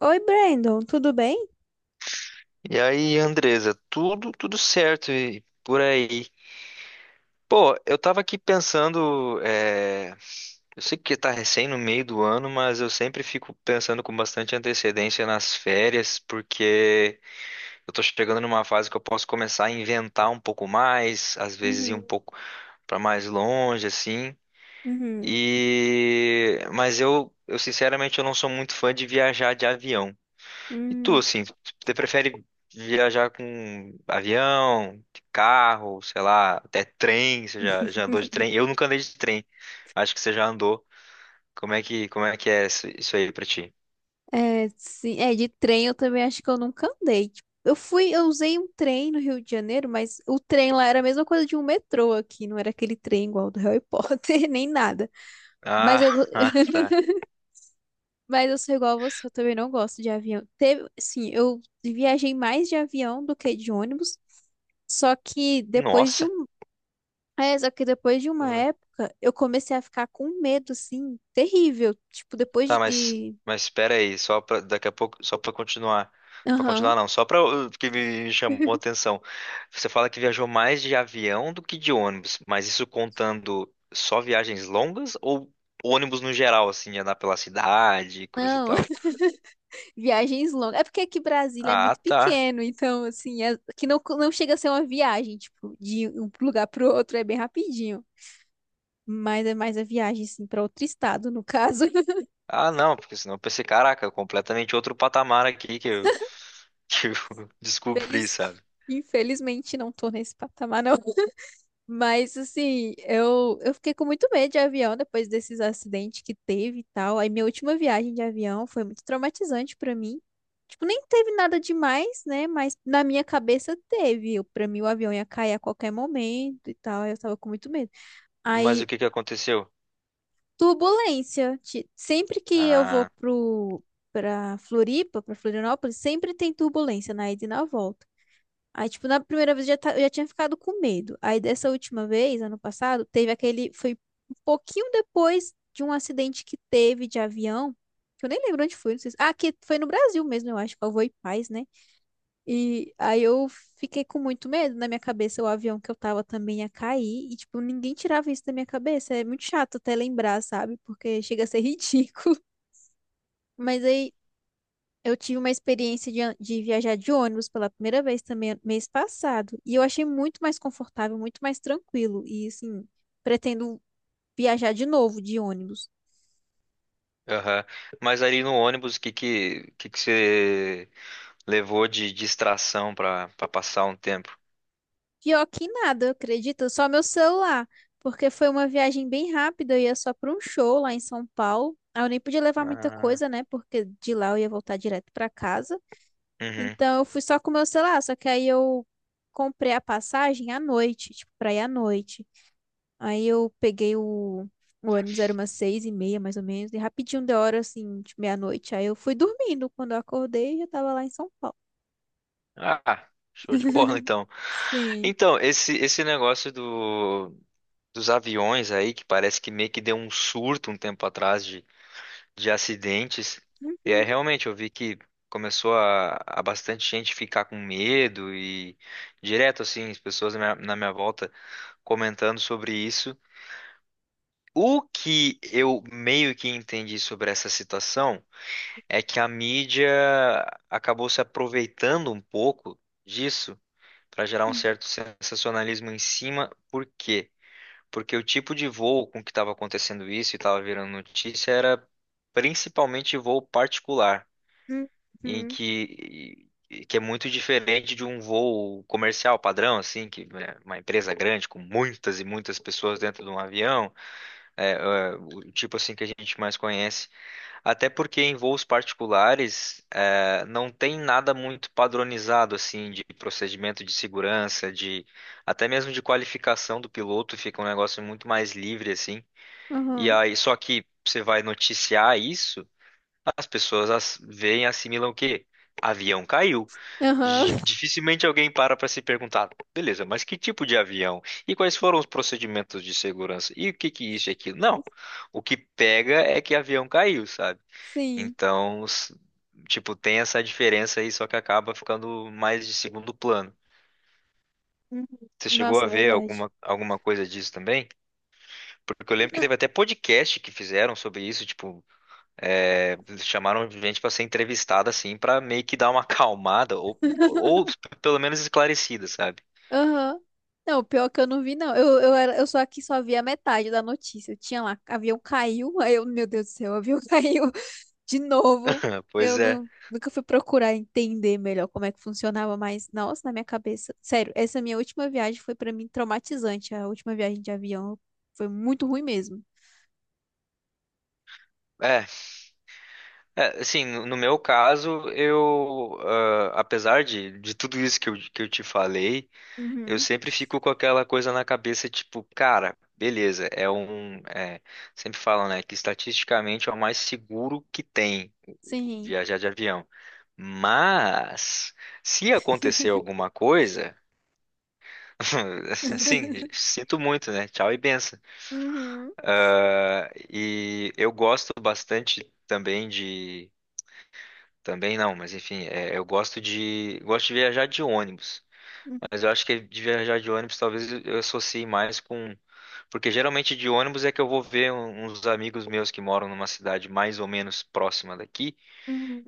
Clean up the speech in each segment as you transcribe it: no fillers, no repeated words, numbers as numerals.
Oi, Brandon, tudo bem? E aí, Andresa, tudo certo e por aí. Pô, eu tava aqui pensando, eu sei que tá recém no meio do ano, mas eu sempre fico pensando com bastante antecedência nas férias, porque eu tô chegando numa fase que eu posso começar a inventar um pouco mais, às vezes ir Uhum, um pouco pra mais longe, assim. uhum, Mas eu sinceramente eu não sou muito fã de viajar de avião. E tu, uhum. assim, você prefere viajar com avião, carro, sei lá, até trem? Você já andou de trem? Eu nunca andei de trem. Acho que você já andou. Como é que é isso aí pra ti? É, sim, é, de trem eu também acho que eu nunca andei. Tipo, eu fui, eu usei um trem no Rio de Janeiro, mas o trem lá era a mesma coisa de um metrô aqui, não era aquele trem igual do Harry Potter, nem nada. Mas Ah, eu, ah, tá. mas eu sou igual a você, eu também não gosto de avião. Teve, sim, eu viajei mais de avião do que de ônibus, só que depois de Nossa. um. É, só que depois de uma época, eu comecei a ficar com medo, assim, terrível. Tipo, depois Tá, mas de. mas espera aí, só para daqui a pouco, só para Aham. continuar não, só para porque me chamou a atenção. Você fala que viajou mais de avião do que de ônibus, mas isso contando só viagens longas ou ônibus no geral, assim, andar pela cidade, coisa e Não, tal? viagens longas. É porque aqui Brasília é Ah, muito tá. pequeno, então, assim, que não, não chega a ser uma viagem, tipo, de um lugar pro outro é bem rapidinho. Mas é mais a viagem, assim, pra outro estado, no caso. Ah, não, porque senão eu pensei, caraca, completamente outro patamar aqui que eu, que eu descobri, Infeliz... sabe? Infelizmente, não tô nesse patamar, não. Mas assim, eu fiquei com muito medo de avião depois desses acidentes que teve e tal. Aí minha última viagem de avião foi muito traumatizante pra mim. Tipo, nem teve nada demais, né? Mas na minha cabeça teve. Pra mim o avião ia cair a qualquer momento e tal. Aí eu tava com muito medo. Mas o Aí, que que aconteceu? turbulência. Sempre que eu vou Ah, pro pra Floripa, pra Florianópolis, sempre tem turbulência na ida e na volta. Aí, tipo, na primeira vez eu já, eu já tinha ficado com medo. Aí, dessa última vez, ano passado, teve aquele. Foi um pouquinho depois de um acidente que teve de avião, que eu nem lembro onde foi, não sei se... Ah, que foi no Brasil mesmo, eu acho, que foi e Paz, né? E aí eu fiquei com muito medo. Na minha cabeça, o avião que eu tava também ia cair. E, tipo, ninguém tirava isso da minha cabeça. É muito chato até lembrar, sabe? Porque chega a ser ridículo. Mas aí eu tive uma experiência de, de viajar de ônibus pela primeira vez também mês passado, e eu achei muito mais confortável, muito mais tranquilo, e assim, pretendo viajar de novo de ônibus. aham. Mas ali no ônibus, o que que você levou de distração pra para passar um tempo. Pior que nada, acredita? Só meu celular, porque foi uma viagem bem rápida, eu ia só para um show lá em São Paulo. Aí eu nem podia levar muita Ah, coisa, né? Porque de lá eu ia voltar direto para casa. uhum. Então eu fui só com meu celular, só que aí eu comprei a passagem à noite, tipo, para ir à noite. Aí eu peguei o ônibus, era umas seis e meia, mais ou menos, e rapidinho deu hora, assim, de meia-noite. Aí eu fui dormindo. Quando eu acordei, já tava lá em São Paulo. Ah, show de bola então. Sim. Então, esse negócio do dos aviões aí que parece que meio que deu um surto um tempo atrás de acidentes. E aí Uhum. realmente eu vi que começou a bastante gente ficar com medo e direto assim, as pessoas na minha volta comentando sobre isso. O que eu meio que entendi sobre essa situação é que a mídia acabou se aproveitando um pouco disso para gerar um Sim. certo sensacionalismo em cima. Por quê? Porque o tipo de voo com que estava acontecendo isso e estava virando notícia era principalmente voo particular, em Uhum. que que é muito diferente de um voo comercial padrão, assim, que né, uma empresa grande com muitas e muitas pessoas dentro de um avião, o tipo assim que a gente mais conhece. Até porque em voos particulares, não tem nada muito padronizado assim de procedimento de segurança, de até mesmo de qualificação do piloto, fica um negócio muito mais livre assim. E Aham. aí, só que você vai noticiar isso, as pessoas as, veem, assimilam o quê? Avião caiu. Aham. Dificilmente alguém para se perguntar, beleza, mas que tipo de avião? E quais foram os procedimentos de segurança? E o que que isso e aquilo? Não, o que pega é que avião caiu, sabe? Sim. Então, tipo, tem essa diferença aí, só que acaba ficando mais de segundo plano. Uhum. Você chegou Nossa, a é ver verdade. alguma coisa disso também? Porque eu lembro que Não. teve até podcast que fizeram sobre isso, tipo, é, chamaram gente pra ser entrevistada assim, pra meio que dar uma acalmada ou pelo menos esclarecida, sabe? Aham. Não, pior é que eu não vi, não. Eu só aqui só vi a metade da notícia. Eu tinha lá, avião caiu. Aí eu, meu Deus do céu, avião caiu de novo. Pois Eu é. não, nunca fui procurar entender melhor como é que funcionava, mas nossa, na minha cabeça. Sério, essa minha última viagem foi pra mim traumatizante. A última viagem de avião foi muito ruim mesmo. É, assim, no no meu caso, apesar de tudo isso que eu te falei, eu Uhum. sempre fico com aquela coisa na cabeça, tipo, cara, beleza, sempre falam, né, que estatisticamente é o mais seguro que tem Sim. viajar de avião. Mas, se acontecer alguma coisa, assim, sinto muito, né? Tchau e benção. Uhum. Ah, e eu gosto bastante também de. Também não, mas enfim, é, eu gosto de. Gosto de viajar de ônibus. Uhum. Mas eu acho que de viajar de ônibus talvez eu associe mais com. Porque geralmente de ônibus é que eu vou ver uns amigos meus que moram numa cidade mais ou menos próxima daqui.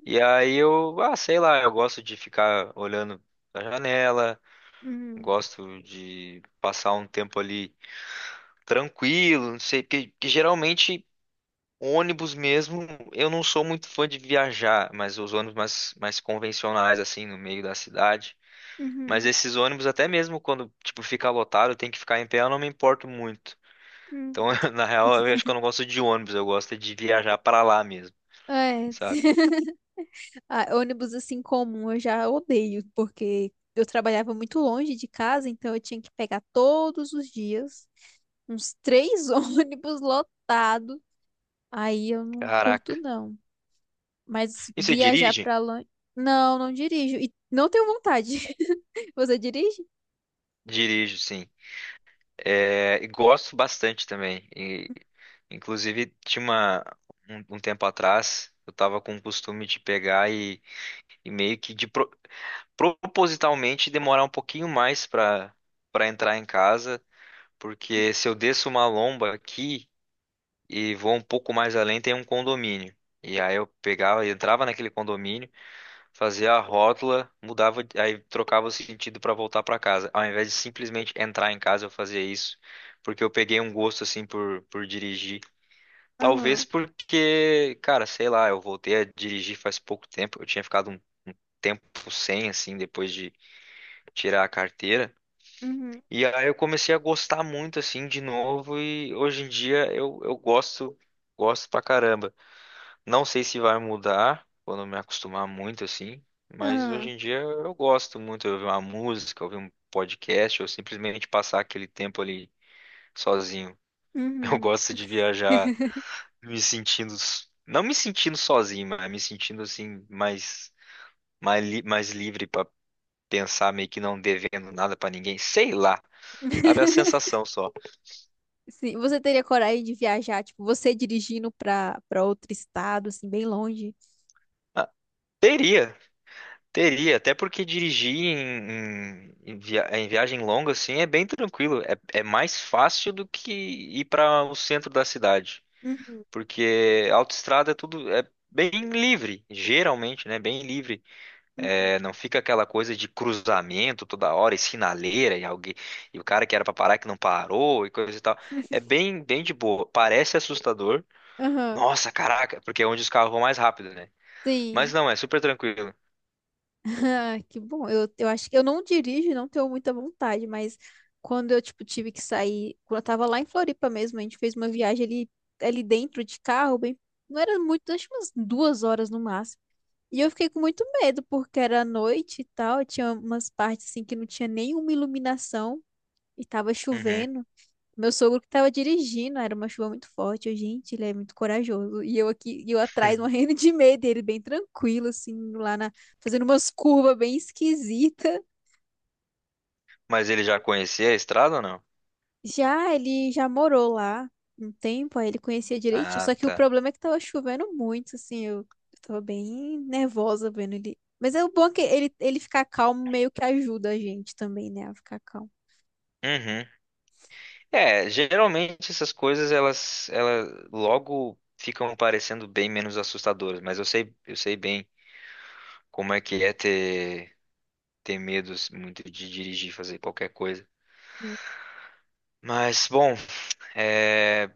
E aí eu, ah, sei lá, eu gosto de ficar olhando da janela, Uhum. gosto de passar um tempo ali tranquilo, não sei, porque, porque geralmente ônibus mesmo, eu não sou muito fã de viajar, mas os ônibus mais convencionais, assim, no meio da cidade. Mas Uhum. esses ônibus, até mesmo quando, tipo, fica lotado, tem que ficar em pé, eu não me importo muito. Então, Uhum. na real, eu acho que eu não gosto de ônibus, eu gosto de viajar pra lá mesmo, É, sabe? ah, ônibus assim comum eu já odeio, porque eu trabalhava muito longe de casa, então eu tinha que pegar todos os dias uns três ônibus lotados. Aí eu não curto, Caraca. não. Mas E você viajar dirige? pra longe. Não, não dirijo. E não tenho vontade. Você dirige? Dirijo, sim. É, e gosto bastante também. E, inclusive, tinha um tempo atrás, eu tava com o costume de pegar e meio que propositalmente demorar um pouquinho mais para entrar em casa, porque se eu desço uma lomba aqui e vou um pouco mais além, tem um condomínio. E aí eu pegava, entrava naquele condomínio, fazia a rótula, mudava, aí trocava o sentido para voltar para casa. Ao invés de simplesmente entrar em casa, eu fazia isso, porque eu peguei um gosto assim por dirigir. Talvez Aham. porque, cara, sei lá, eu voltei a dirigir faz pouco tempo, eu tinha ficado um, um tempo sem, assim, depois de tirar a carteira. Uhum. E aí eu comecei a gostar muito, assim, de novo, e hoje em dia eu gosto, gosto pra caramba. Não sei se vai mudar quando eu me acostumar muito assim, mas hoje Aham. em dia eu gosto muito de ouvir uma música, ouvir um podcast ou simplesmente passar aquele tempo ali sozinho. Eu Uhum. gosto de viajar me sentindo, não me sentindo sozinho, mas me sentindo assim mais mais livre para pensar meio que não devendo nada para ninguém, sei lá, sabe? A sensação só. Sim. Você teria coragem de viajar, tipo, você dirigindo pra, pra outro estado, assim, bem longe? Ah, teria. Teria, até porque dirigir em viagem longa assim é bem tranquilo. É, é mais fácil do que ir para o centro da cidade, Uhum. porque autoestrada é tudo é bem livre, geralmente, né? Bem livre. Uhum. É, não fica aquela coisa de cruzamento toda hora e sinaleira e alguém e o cara que era para parar que não parou e coisa e tal. É bem de boa. Parece assustador. Aham. Nossa, caraca, porque é onde os carros vão mais rápido, né? Mas Sim. não, é super tranquilo. Ah, que bom. Eu acho que eu não dirijo, e não tenho muita vontade, mas quando eu, tipo, tive que sair, quando eu tava lá em Floripa mesmo, a gente fez uma viagem ali, ali dentro de carro, bem, não era muito, acho que umas duas horas no máximo. E eu fiquei com muito medo, porque era noite e tal, tinha umas partes assim que não tinha nenhuma iluminação e tava Uhum. chovendo. Meu sogro que tava dirigindo, era uma chuva muito forte. Eu, gente, ele é muito corajoso. E eu aqui, e eu atrás morrendo de medo, e ele bem tranquilo, assim, lá na, fazendo umas curvas bem esquisita. Mas ele já conhecia a estrada ou não? Já Ele já morou lá um tempo, aí ele conhecia direitinho. Ah, Só que o tá. problema é que tava chovendo muito, assim, eu tava bem nervosa vendo ele. Mas é o bom é que ele ficar calmo meio que ajuda a gente também, né, a ficar calmo. Uhum. É, geralmente essas coisas elas logo ficam parecendo bem menos assustadoras, mas eu sei bem como é que é ter, ter medos muito de dirigir, fazer qualquer coisa. Hum. Mas bom, é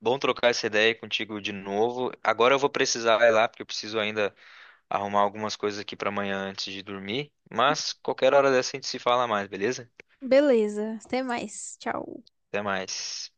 bom trocar essa ideia contigo de novo. Agora eu vou precisar ir lá porque eu preciso ainda arrumar algumas coisas aqui para amanhã antes de dormir, mas qualquer hora dessa a gente se fala mais, beleza? Beleza, até mais. Tchau. Até mais.